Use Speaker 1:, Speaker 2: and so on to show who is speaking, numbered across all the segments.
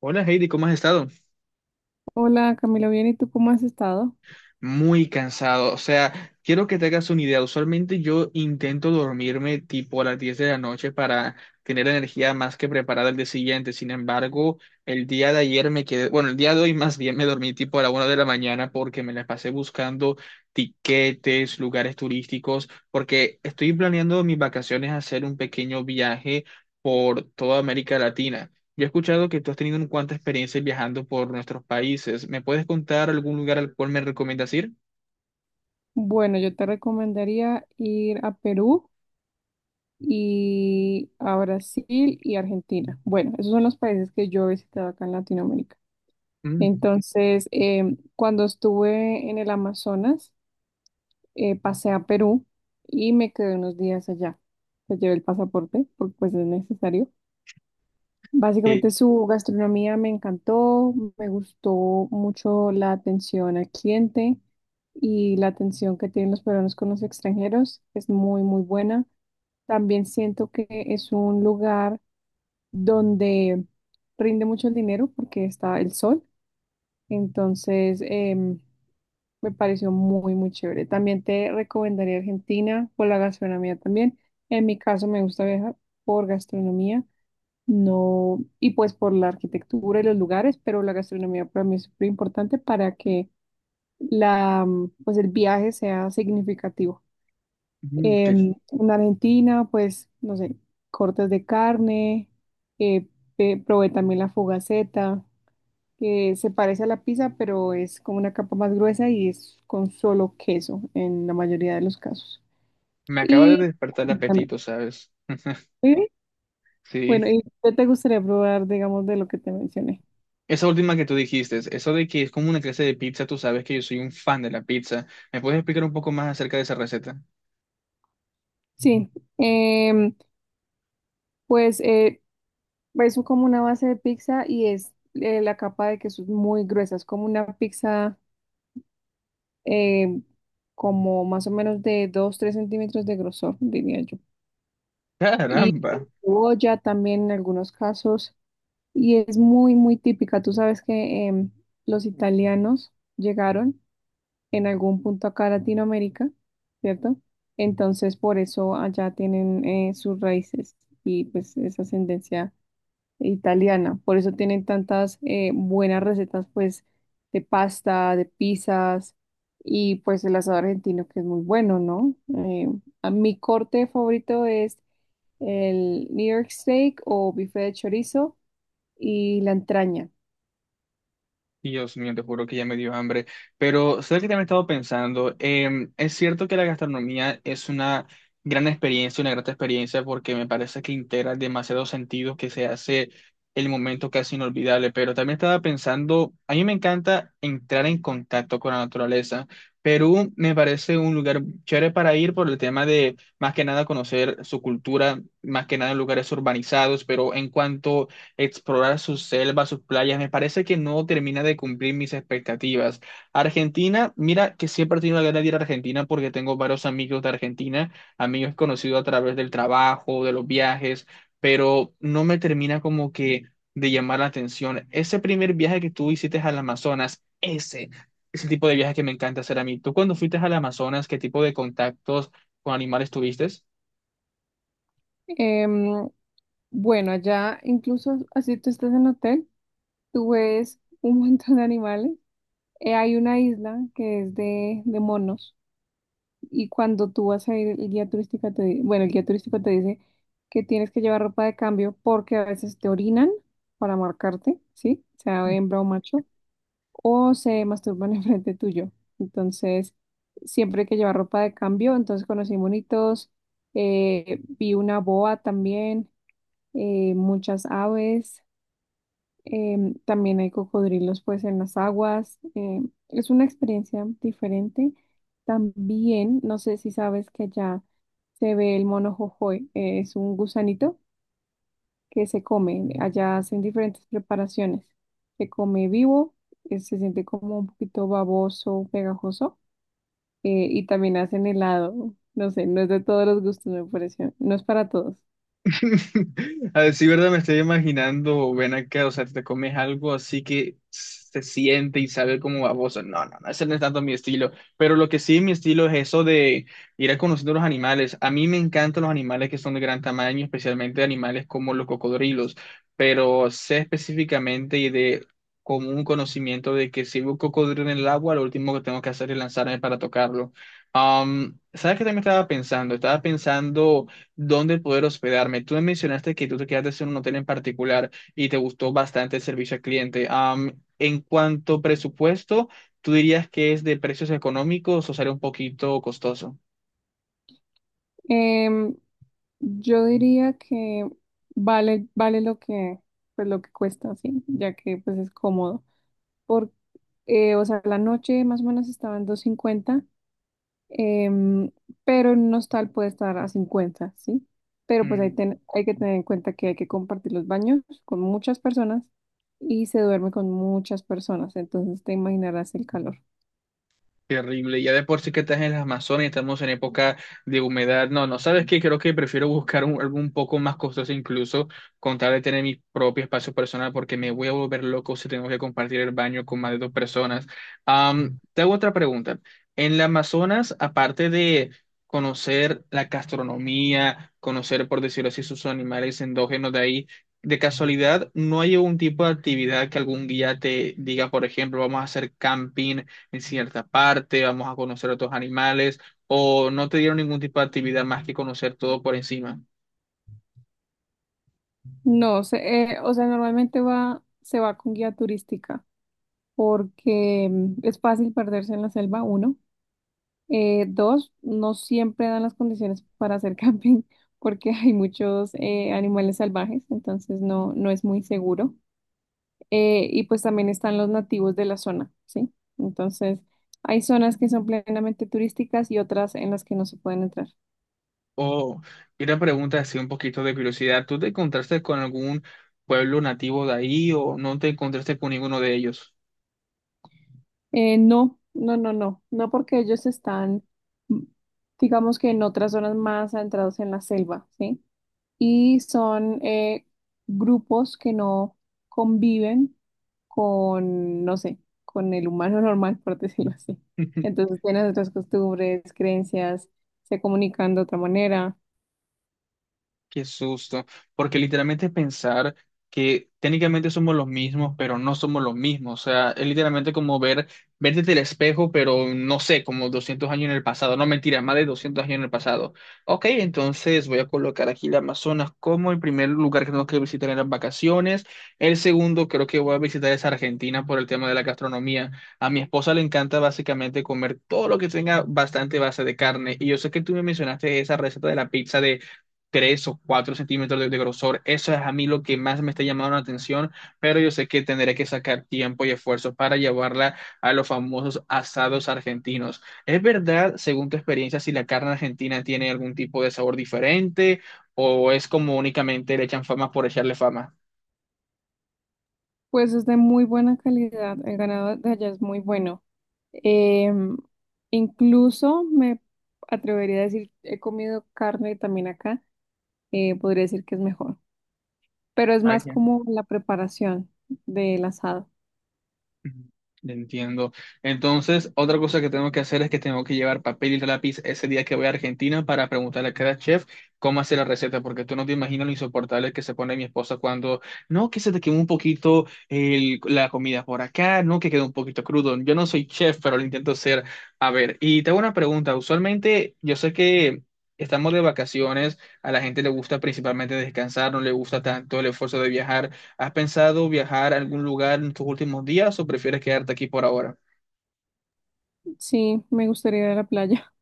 Speaker 1: Hola Heidi, ¿cómo has estado?
Speaker 2: Hola Camilo, bien, ¿y tú cómo has estado?
Speaker 1: Muy cansado, o sea, quiero que te hagas una idea. Usualmente yo intento dormirme tipo a las 10 de la noche para tener energía más que preparada el día siguiente. Sin embargo, el día de ayer me quedé, bueno, el día de hoy más bien me dormí tipo a la 1 de la mañana porque me la pasé buscando tiquetes, lugares turísticos, porque estoy planeando mis vacaciones hacer un pequeño viaje por toda América Latina. Ya he escuchado que tú has tenido un cuanta experiencia viajando por nuestros países. ¿Me puedes contar algún lugar al cual me recomiendas ir?
Speaker 2: Bueno, yo te recomendaría ir a Perú y a Brasil y Argentina. Bueno, esos son los países que yo he visitado acá en Latinoamérica.
Speaker 1: Mm,
Speaker 2: Entonces, cuando estuve en el Amazonas, pasé a Perú y me quedé unos días allá. Pues llevé el pasaporte porque pues es necesario.
Speaker 1: que,
Speaker 2: Básicamente su gastronomía me encantó, me gustó mucho la atención al cliente y la atención que tienen los peruanos con los extranjeros es muy, muy buena. También siento que es un lugar donde rinde mucho el dinero porque está el sol, entonces me pareció muy, muy chévere. También te recomendaría Argentina por la gastronomía también. En mi caso me gusta viajar por gastronomía. No, y pues por la arquitectura y los lugares, pero la gastronomía para mí es súper importante para que pues el viaje sea significativo.
Speaker 1: que
Speaker 2: En Argentina, pues, no sé, cortes de carne, eh, probé también la fugaceta, que se parece a la pizza, pero es como una capa más gruesa y es con solo queso en la mayoría de los casos.
Speaker 1: me acaba de
Speaker 2: Y
Speaker 1: despertar el
Speaker 2: también,
Speaker 1: apetito, ¿sabes?
Speaker 2: ¿sí? Bueno,
Speaker 1: Sí.
Speaker 2: ¿y qué te gustaría probar, digamos, de lo que te mencioné?
Speaker 1: Esa última que tú dijiste, eso de que es como una clase de pizza, tú sabes que yo soy un fan de la pizza. ¿Me puedes explicar un poco más acerca de esa receta?
Speaker 2: Sí, em, pues es como una base de pizza y es la capa de queso es muy gruesa, es como una pizza em, como más o menos de 2, 3 centímetros de grosor, diría yo. Y
Speaker 1: Caramba.
Speaker 2: cebolla también en algunos casos y es muy, muy típica. Tú sabes que los italianos llegaron en algún punto acá a Latinoamérica, ¿cierto? Entonces por eso allá tienen sus raíces y pues esa ascendencia italiana. Por eso tienen tantas buenas recetas, pues, de pasta, de pizzas y pues el asado argentino, que es muy bueno, ¿no? Eh, a mi corte favorito es el New York Steak o bife de chorizo y la entraña.
Speaker 1: Dios mío, te juro que ya me dio hambre. Pero ¿sabes que también he estado pensando? Es cierto que la gastronomía es una gran experiencia, una grata experiencia, porque me parece que integra demasiados sentidos que se hace el momento casi inolvidable. Pero también estaba pensando, a mí me encanta entrar en contacto con la naturaleza. Perú me parece un lugar chévere para ir por el tema de, más que nada, conocer su cultura, más que nada en lugares urbanizados, pero en cuanto explorar sus selvas, sus playas, me parece que no termina de cumplir mis expectativas. Argentina, mira que siempre he tenido la gana de ir a Argentina porque tengo varios amigos de Argentina, amigos conocidos a través del trabajo, de los viajes, pero no me termina como que de llamar la atención. Ese primer viaje que tú hiciste al Amazonas, ese tipo de viaje que me encanta hacer a mí. ¿Tú cuando fuiste al Amazonas, qué tipo de contactos con animales tuviste?
Speaker 2: Em, bueno, allá incluso así tú estás en hotel, tú ves un montón de animales. Hay una isla que es de monos. Y cuando tú vas a ir, el guía turístico te, di- bueno, el guía turístico te dice que tienes que llevar ropa de cambio porque a veces te orinan para marcarte, ¿sí? Sea hembra o macho, o se masturban enfrente tuyo. Entonces, siempre hay que llevar ropa de cambio. Entonces, conocí monitos, vi una boa también, muchas aves. También hay cocodrilos pues en las aguas. Es una experiencia diferente. También, no sé si sabes que allá se ve el mono jojoy, es un gusanito que se come. Allá hacen diferentes preparaciones. Se come vivo, se siente como un poquito baboso, pegajoso, y también hacen helado. No sé, no es de todos los gustos, me pareció. No es para todos.
Speaker 1: A decir verdad, me estoy imaginando, ven acá, o sea, te comes algo así que se siente y sabe como baboso. No, no, no, ese no es tanto mi estilo. Pero lo que sí es mi estilo es eso de ir a conociendo los animales. A mí me encantan los animales que son de gran tamaño, especialmente animales como los cocodrilos. Pero sé específicamente y de como un conocimiento de que si veo un cocodrilo en el agua, lo último que tengo que hacer es lanzarme para tocarlo. ¿Sabes qué también estaba pensando? Estaba pensando dónde poder hospedarme. Tú me mencionaste que tú te quedaste en un hotel en particular y te gustó bastante el servicio al cliente. En cuanto a presupuesto, ¿tú dirías que es de precios económicos o sale un poquito costoso?
Speaker 2: Em, Yo diría que vale lo que, pues lo que cuesta, sí, ya que pues es cómodo. Por, o sea, la noche más o menos estaba en 250 em, pero en un hostal puede estar a 50, sí. Pero pues hay que tener en cuenta que hay que compartir los baños con muchas personas y se duerme con muchas personas, entonces te imaginarás el calor.
Speaker 1: Terrible, ya de por sí que estás en las Amazonas y estamos en época de humedad. No, no, ¿sabes qué? Creo que prefiero buscar algo un poco más costoso incluso con tal de tener mi propio espacio personal porque me voy a volver loco si tengo que compartir el baño con más de dos personas. Te hago otra pregunta. En las Amazonas, aparte de conocer la gastronomía, conocer, por decirlo así, sus animales endógenos de ahí, de casualidad, ¿no hay algún tipo de actividad que algún guía te diga, por ejemplo, vamos a hacer camping en cierta parte, vamos a conocer otros animales, o no te dieron ningún tipo de actividad más que conocer todo por encima?
Speaker 2: No, se, O sea, normalmente se va con guía turística. Porque es fácil perderse en la selva, uno. Dos, no siempre dan las condiciones para hacer camping porque hay muchos animales salvajes, entonces no, no es muy seguro. Y pues también están los nativos de la zona, ¿sí? Entonces, hay zonas que son plenamente turísticas y otras en las que no se pueden entrar.
Speaker 1: Oh, y una pregunta así un poquito de curiosidad, ¿tú te encontraste con algún pueblo nativo de ahí o no te encontraste con ninguno de ellos?
Speaker 2: No, no, no, no, no, porque ellos están, mm, digamos que en otras zonas más adentrados en la selva, ¿sí? Y son grupos que no conviven con, no sé, con el humano normal, por decirlo así. Entonces tienen otras costumbres, creencias, se comunican de otra manera.
Speaker 1: Qué susto, porque literalmente pensar que técnicamente somos los mismos, pero no somos los mismos, o sea, es literalmente como ver, verte del espejo, pero no sé, como 200 años en el pasado, no, mentira, más de 200 años en el pasado. Ok, entonces voy a colocar aquí la Amazonas como el primer lugar que tengo que visitar en las vacaciones, el segundo creo que voy a visitar es Argentina por el tema de la gastronomía. A mi esposa le encanta básicamente comer todo lo que tenga bastante base de carne, y yo sé que tú me mencionaste esa receta de la pizza 3 o 4 centímetros de grosor. Eso es a mí lo que más me está llamando la atención, pero yo sé que tendré que sacar tiempo y esfuerzo para llevarla a los famosos asados argentinos. ¿Es verdad, según tu experiencia, si la carne argentina tiene algún tipo de sabor diferente o es como únicamente le echan fama por echarle fama?
Speaker 2: Pues es de muy buena calidad, el ganado de allá es muy bueno. Em, Incluso me atrevería a decir, he comido carne también acá, podría decir que es mejor, pero es más
Speaker 1: Vaya.
Speaker 2: como la preparación del asado.
Speaker 1: Entiendo. Entonces, otra cosa que tengo que hacer es que tengo que llevar papel y lápiz ese día que voy a Argentina para preguntarle a cada chef cómo hacer la receta, porque tú no te imaginas lo insoportable que se pone mi esposa cuando, no, que se te quemó un poquito la comida por acá, no, que quedó un poquito crudo. Yo no soy chef, pero lo intento ser. A ver, y te hago una pregunta. Usualmente, yo sé que estamos de vacaciones, a la gente le gusta principalmente descansar, no le gusta tanto el esfuerzo de viajar. ¿Has pensado viajar a algún lugar en tus últimos días o prefieres quedarte aquí por ahora?
Speaker 2: Sí, me gustaría ir a la playa,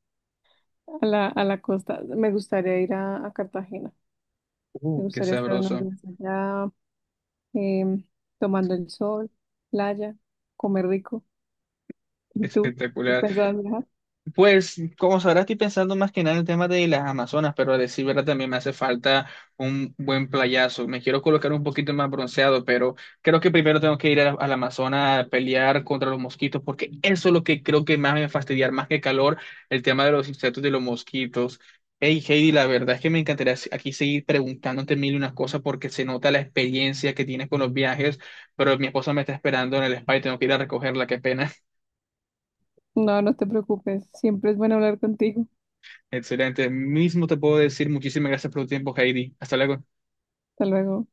Speaker 2: a la costa. Me gustaría ir a Cartagena. Me
Speaker 1: Qué
Speaker 2: gustaría estar unos
Speaker 1: sabroso.
Speaker 2: días allá, em, tomando el sol, playa, comer rico. ¿Y tú?
Speaker 1: Espectacular.
Speaker 2: ¿Pensabas viajar?
Speaker 1: Pues, como sabrás, estoy pensando más que nada en el tema de las Amazonas, pero a decir verdad también me hace falta un buen playazo. Me quiero colocar un poquito más bronceado, pero creo que primero tengo que ir al Amazonas a pelear contra los mosquitos, porque eso es lo que creo que más me va a fastidiar, más que calor, el tema de los insectos y los mosquitos. Hey, Heidi, la verdad es que me encantaría aquí seguir preguntándote mil y unas cosas porque se nota la experiencia que tienes con los viajes, pero mi esposa me está esperando en el spa y tengo que ir a recogerla, qué pena.
Speaker 2: No, no te preocupes. Siempre es bueno hablar contigo.
Speaker 1: Excelente. Mismo te puedo decir muchísimas gracias por tu tiempo, Heidi. Hasta luego.
Speaker 2: Hasta luego.